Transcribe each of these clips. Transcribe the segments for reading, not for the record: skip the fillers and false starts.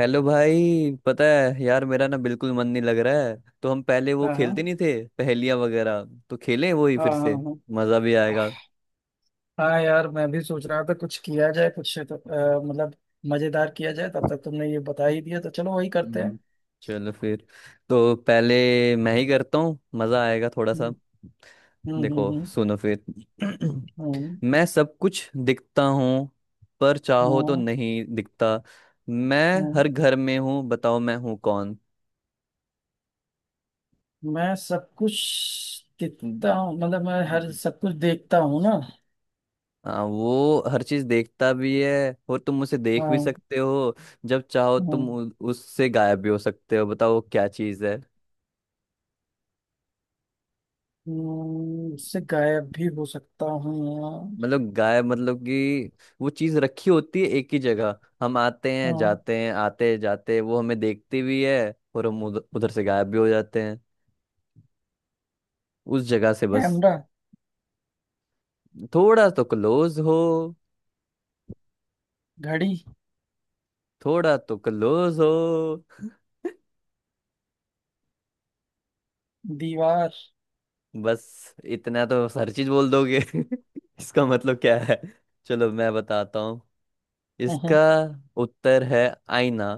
Hello भाई पता है यार मेरा ना बिल्कुल मन नहीं लग रहा है। तो हम पहले वो हाँ। खेलते नहीं हाँ। थे, पहेलियां वगैरह। तो खेलें वो ही हाँ। फिर से, हाँ। मज़ा भी आएगा। हाँ। हाँ यार, मैं भी सोच रहा था कुछ किया जाए। कुछ तो, मतलब मजेदार किया जाए। तब तक तुमने ये बता ही दिया, तो चलो वही करते हम्म, हैं। चलो फिर। तो पहले मैं ही करता हूँ, मज़ा आएगा थोड़ा सा। हम्म। हम्म। देखो हम्म। सुनो फिर। हम्म। मैं सब कुछ दिखता हूँ, पर हम्म, चाहो तो हम्म। हम्म, नहीं दिखता। मैं हम्म। हर घर में हूँ, बताओ मैं हूँ कौन। मैं सब कुछ देखता हूँ, मतलब मैं हर सब कुछ देखता हूँ ना। हाँ वो हर चीज देखता भी है और तुम उसे देख भी हाँ। सकते हो। जब चाहो तुम हम्म। उससे गायब भी हो सकते हो, बताओ वो क्या चीज है। उससे गायब भी हो सकता हूँ यार। मतलब गायब मतलब कि वो चीज रखी होती है एक ही जगह, हम आते हैं हाँ, जाते हैं आते हैं जाते हैं, वो हमें देखती भी है और हम उधर से गायब भी हो जाते हैं उस जगह से बस। कैमरा। थोड़ा तो क्लोज हो। घड़ी। थोड़ा तो क्लोज हो। दीवार। बस इतना तो हर चीज बोल दोगे। इसका मतलब क्या है, चलो मैं बताता हूँ। हम्म, हम्म। इसका उत्तर है आईना,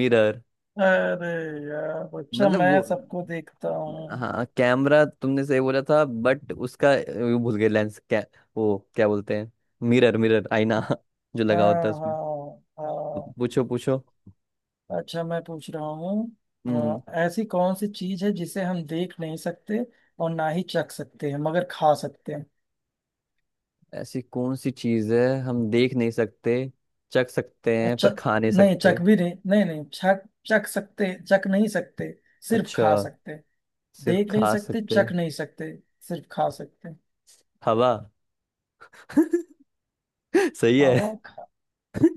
मिरर। अरे यार, अच्छा मतलब मैं वो, सबको देखता हूँ। हाँ कैमरा तुमने सही बोला था बट उसका वो भूल गए लेंस क्या, वो क्या बोलते हैं, मिरर मिरर आईना। जो लगा हाँ। होता है उसमें। हाँ। हाँ, पूछो पूछो। अच्छा मैं पूछ रहा हूँ। हम्म। हाँ, ऐसी कौन सी चीज है जिसे हम देख नहीं सकते और ना ही चख सकते हैं मगर खा सकते हैं? ऐसी कौन सी चीज है हम देख नहीं सकते, चख सकते हैं अच्छा, पर खा नहीं नहीं सकते। चख भी नहीं नहीं नहीं चख। चख सकते, चख नहीं सकते, सिर्फ अच्छा, खा सकते। सिर्फ देख नहीं खा सकते, सकते हैं। चख नहीं सकते, सिर्फ खा सकते। हवा। सही है। हवा खा।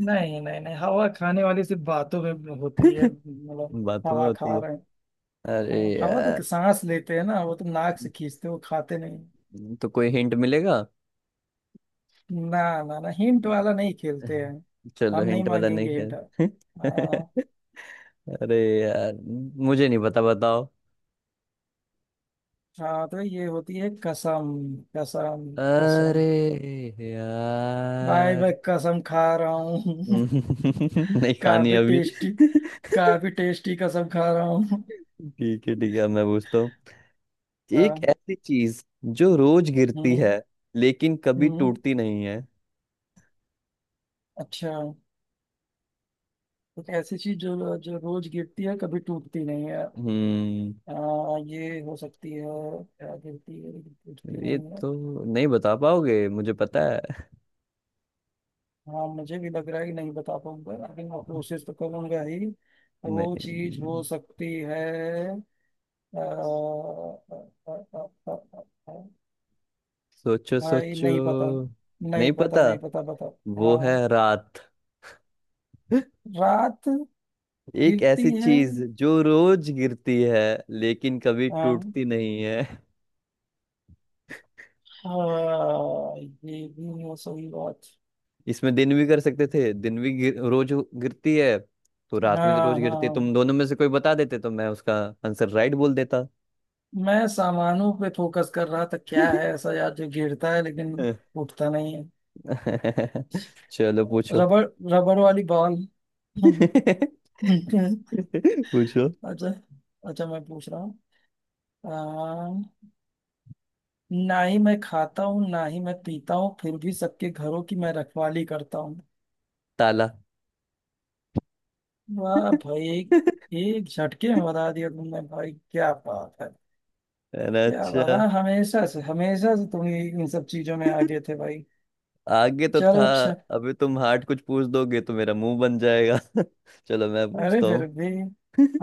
नहीं नहीं नहीं, हवा खाने वाली सिर्फ बातों में होती है, मतलब बातों में हवा होती खा है। रहे हैं। अरे हाँ, हवा यार, तो सांस लेते हैं ना, वो तो नाक से खींचते हो, खाते नहीं। तो कोई हिंट मिलेगा। ना ना ना, हिंट वाला नहीं खेलते हैं। चलो हम नहीं हिंट वाला नहीं मांगेंगे हिंट। खेल। हाँ। अरे यार मुझे नहीं पता बताओ। हाँ तो ये होती है कसम। कसम। कसम। अरे भाई यार। मैं कसम खा रहा हूँ। नहीं खानी काफी अभी। टेस्टी। काफी टेस्टी कसम खा रहा हूँ। ठीक है अब मैं पूछता हूँ। एक हाँ। ऐसी चीज जो रोज गिरती हम्म। है लेकिन कभी हम्म। टूटती नहीं है। अच्छा, एक ऐसी चीज जो जो रोज गिरती है कभी टूटती नहीं है। हम्म, ये हो सकती है? क्या गिरती है गिरती ये नहीं? तो नहीं बता पाओगे मुझे पता है। हाँ, मुझे भी लग रहा है कि नहीं बता पाऊंगा, लेकिन मैं कोशिश तो करूंगा ही। वो चीज हो नहीं, सकती है? अ, अ, अ, अ, अ, अ, सोचो भाई सोचो। नहीं पता। नहीं नहीं पता, पता, नहीं पता, बता। वो है हाँ, रात। रात एक गिरती ऐसी है। चीज जो रोज गिरती है लेकिन कभी हाँ। टूटती नहीं है। हाँ, ये भी है सही बात। इसमें दिन भी कर सकते थे, रोज गिरती है तो रात भी रोज हाँ। गिरती है। हाँ, तुम दोनों में से कोई बता देते तो मैं उसका आंसर राइट बोल देता। मैं सामानों पे फोकस कर रहा था, क्या है ऐसा यार जो गिरता है लेकिन उठता नहीं है। चलो पूछो। रबड़। रबड़ वाली बॉल। ठीक है। पूछो। अच्छा। अच्छा मैं पूछ रहा हूँ। अ, ना ही मैं खाता हूँ ना ही मैं पीता हूँ, फिर भी सबके घरों की मैं रखवाली करता हूँ। ताला। वाह भाई, एक एक झटके में बता दिया तुमने भाई, क्या बात है। अरे क्या बात अच्छा। है, हमेशा से तुम इन सब चीजों में आगे थे भाई। आगे तो था, चलो अच्छा। अभी तुम हार्ड कुछ पूछ दोगे तो मेरा मुंह बन जाएगा। चलो मैं अरे पूछता हूँ। फिर भी।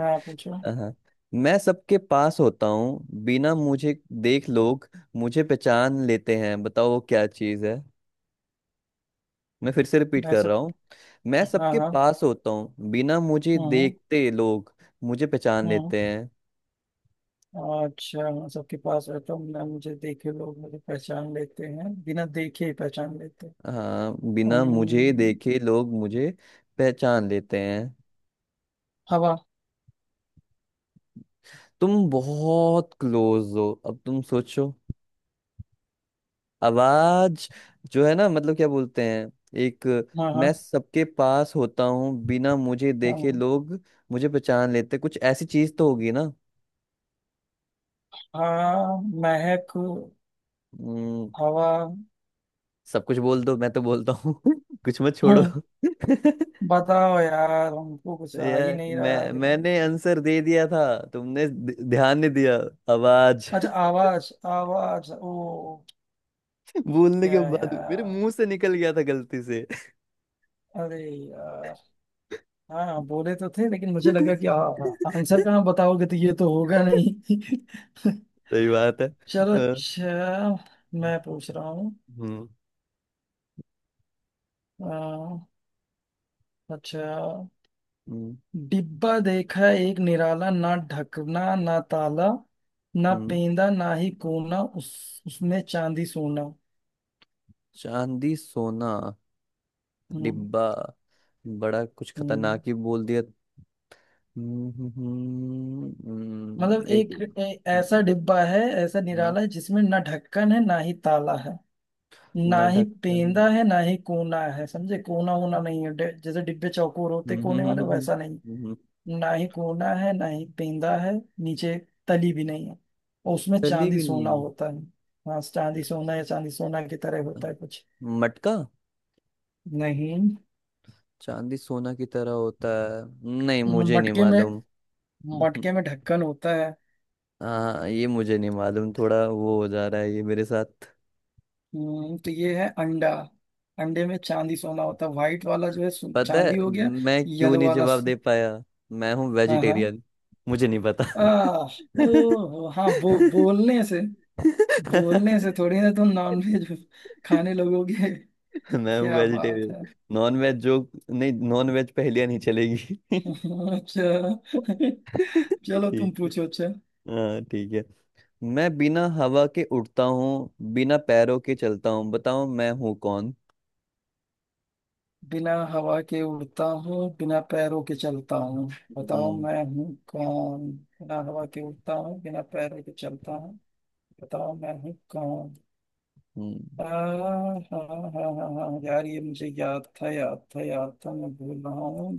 हाँ पूछो। हाँ, मैं सबके पास होता हूँ बिना मुझे देख लोग मुझे पहचान लेते हैं, बताओ वो क्या चीज़ है। मैं फिर से रिपीट मैं कर रहा सब। हूँ। मैं हाँ। सबके हाँ। पास होता हूँ बिना मुझे हम्म। देखते लोग मुझे पहचान लेते हम्म। हैं। अच्छा हाँ, सबके पास रहता हूँ ना, मुझे देखे लोग मुझे पहचान लेते हैं, बिना देखे ही पहचान लेते हैं। हाँ बिना मुझे अम्म, देखे लोग मुझे पहचान लेते हैं। हवा। तुम बहुत क्लोज हो, अब तुम सोचो। आवाज जो है ना, मतलब क्या बोलते हैं, एक, हाँ। हाँ। मैं सबके पास होता हूँ बिना मुझे देखे हाँ। लोग मुझे पहचान लेते, कुछ ऐसी चीज तो होगी ना। हाँ। महक। हम्म, हवा। सब कुछ बोल दो मैं तो बोलता हूँ। कुछ मत छोड़ो। हम्म, बताओ यार, हमको कुछ आ ही यार नहीं रहा है मैं दिमाग में। मैंने आंसर दे दिया था, तुमने ध्यान नहीं दिया, आवाज। अच्छा, आवाज। आवाज ओ, बोलने क्या के बाद मेरे यार। मुंह से निकल गया था गलती से। अरे यार। हाँ बोले तो थे, लेकिन मुझे लगा कि आंसर कहाँ बताओगे, तो ये तो होगा नहीं। सही बात है। चलो अ, अच्छा, मैं पूछ रहा हूँ। हम्म आ, अच्छा, हम्म डिब्बा देखा एक निराला, ना ढकना ना ताला, ना हम्म पेंदा ना ही कोना, उस उसमें चांदी सोना। चांदी सोना, हम्म, डिब्बा बड़ा कुछ खतरनाक हम्म। ही बोल दिया। हम्म, मतलब एक एक ऐसा डिब्बा है ऐसा हम्म, निराला है जिसमें ना ढक्कन है ना ही ताला है, ना ना ही ढक्कन। पेंदा है ना ही कोना है। समझे, कोना होना नहीं है, जैसे डिब्बे चौकोर होते हम्म, कोने हम्म, वाले, वैसा नहीं। हम्म, हम्म, ना ही कोना है ना ही पेंदा है। नीचे तली भी नहीं है। और उसमें तली चांदी भी सोना नहीं होता है। हाँ, चांदी सोना या चांदी सोना की तरह है। होता है कुछ। मटका। नहीं। चांदी सोना की तरह होता है। नहीं मुझे नहीं मटके में, मालूम। हम्म, मटके में ढक्कन होता है। हाँ ये मुझे नहीं मालूम, थोड़ा वो हो जा रहा है ये मेरे साथ। तो ये है अंडा। अंडे में चांदी सोना होता है, व्हाइट वाला जो है पता है चांदी हो गया। मैं क्यों येलो नहीं वाला जवाब दे पाया, मैं हूँ हाँ। हाँ। वेजिटेरियन, मुझे नहीं पता। आ, ओ हाँ, बोलने से, बोलने से थोड़ी ना तुम नॉनवेज खाने लगोगे। मैं हूँ क्या बात वेजिटेरियन, है। नॉन वेज जो, नहीं नॉन वेज पहेलियां नहीं चलेगी। ठीक अच्छा, चलो है, तुम पूछो अच्छा। हाँ ठीक है। मैं बिना हवा के उड़ता हूँ बिना पैरों के चलता हूँ, बताओ मैं हूँ कौन। बिना हवा के उड़ता हूँ बिना पैरों के चलता हूँ, बताओ हम्म। मैं हूँ कौन। बिना हवा के उड़ता हूँ बिना पैरों के चलता हूँ, बताओ मैं हूँ कौन। हम्म, हाँ। हाँ हाँ हाँ यार, ये मुझे याद था, याद था, याद था, मैं भूल रहा हूँ।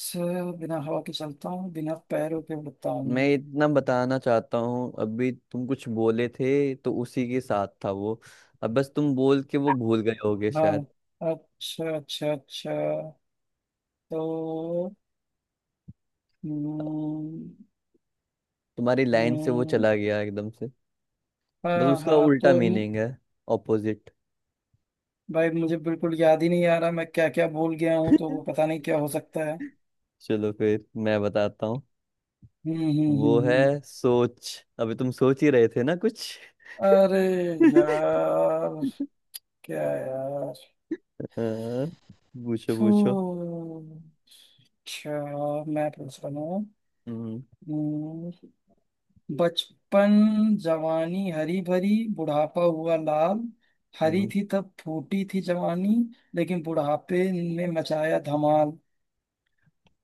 स- बिना हवा के चलता हूँ बिना पैरों के उड़ता मैं हूँ। इतना बताना चाहता हूँ अभी तुम कुछ बोले थे तो उसी के साथ था वो। अब बस तुम बोल के वो भूल गए होगे हाँ। शायद। अच्छा अच्छा अच्छा। तो हम्म, तुम्हारी लाइन से वो हम्म, चला गया एकदम से। बस हाँ उसका हाँ उल्टा तो, मीनिंग है, ऑपोजिट। भाई मुझे बिल्कुल याद ही नहीं आ रहा। मैं क्या क्या भूल गया हूँ, तो वो पता नहीं क्या हो सकता है। चलो फिर मैं बताता हूँ। हम्म। हम्म। वो हम्म। है हम्म। सोच, अभी तुम सोच ही रहे थे ना कुछ। अरे यार। क्या यार। हाँ, पूछो फू, पूछो। अच्छा मैं पूछ रहा हूँ। हम्म हम्म, बचपन जवानी हरी भरी, बुढ़ापा हुआ लाल, हरी हम्म, थी तब फूटी थी जवानी, लेकिन बुढ़ापे ने मचाया धमाल।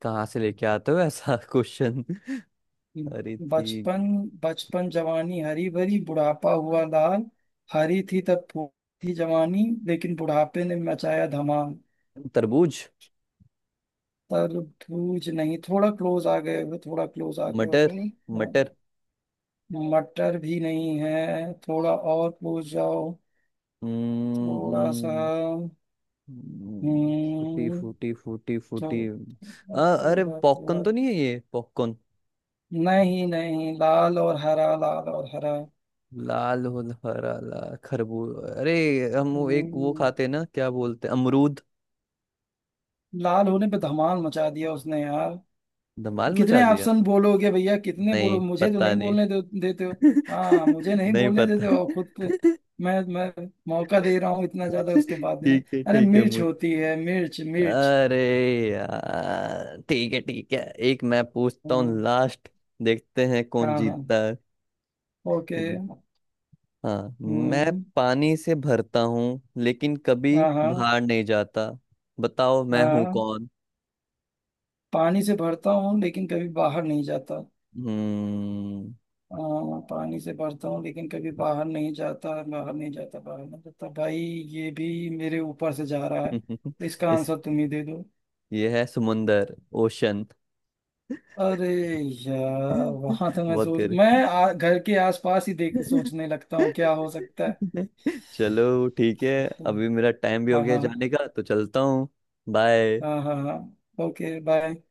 कहाँ से लेके आते हो ऐसा क्वेश्चन। अरे बचपन। ठीक। बचपन जवानी हरी भरी, बुढ़ापा हुआ लाल, हरी थी तब फूल थी जवानी, लेकिन बुढ़ापे ने मचाया धमाल। तरबूज। तर। बूझ नहीं, थोड़ा क्लोज आ गए हो, थोड़ा क्लोज आ गए मटर हो। मटर मटर भी नहीं है, थोड़ा और क्लोज जाओ। थोड़ा सा। हम्म। हम्म, फूटी हम्म। फूटी फूटी फूटी। थो- आ, अरे थोड़ा पॉपकॉर्न थोड़ा। तो नहीं है ये पॉपकॉर्न। नहीं नहीं, लाल और हरा, लाल और हरा। लाल हो, हरा लाल खरबूज, अरे हम वो एक वो हम्म, खाते हैं ना क्या बोलते हैं, अमरूद। लाल होने पे धमाल मचा दिया उसने यार। धमाल मचा कितने दिया। ऑप्शन बोलोगे भैया, कितने बोलो, नहीं मुझे तो पता नहीं नहीं। बोलने देते हो। हाँ, मुझे नहीं नहीं बोलने देते पता। हो, और खुद पे मैं मौका दे रहा हूँ इतना ज्यादा, उसके बाद भी नहीं। अरे ठीक है मिर्च मुझे। होती है, मिर्च मिर्च। अरे यार ठीक है ठीक है। एक मैं पूछता हूँ हाँ। लास्ट, देखते हैं कौन हाँ। हाँ। जीतता है। ओके। ठीक। हाँ, मैं हम्म। पानी से भरता हूँ लेकिन कभी हाँ। हाँ। बाहर नहीं जाता, बताओ मैं हूँ हाँ, कौन। पानी से भरता हूँ लेकिन कभी बाहर नहीं जाता। हम्म। हाँ, पानी से भरता हूँ लेकिन कभी बाहर नहीं जाता, बाहर नहीं जाता, बाहर नहीं जाता, भाई ये भी मेरे ऊपर से जा रहा है, तो इसका इस, आंसर तुम ही दे दो। ये है समुंदर, ओशन। अरे यार, वहां तो बहुत करे। मैं घर के आसपास ही देख सोचने लगता हूँ क्या हो सकता है। चलो ठीक है, अभी मेरा हाँ। टाइम भी हो गया हाँ। जाने का तो चलता हूँ। बाय। हाँ। हाँ। हाँ, ओके बाय।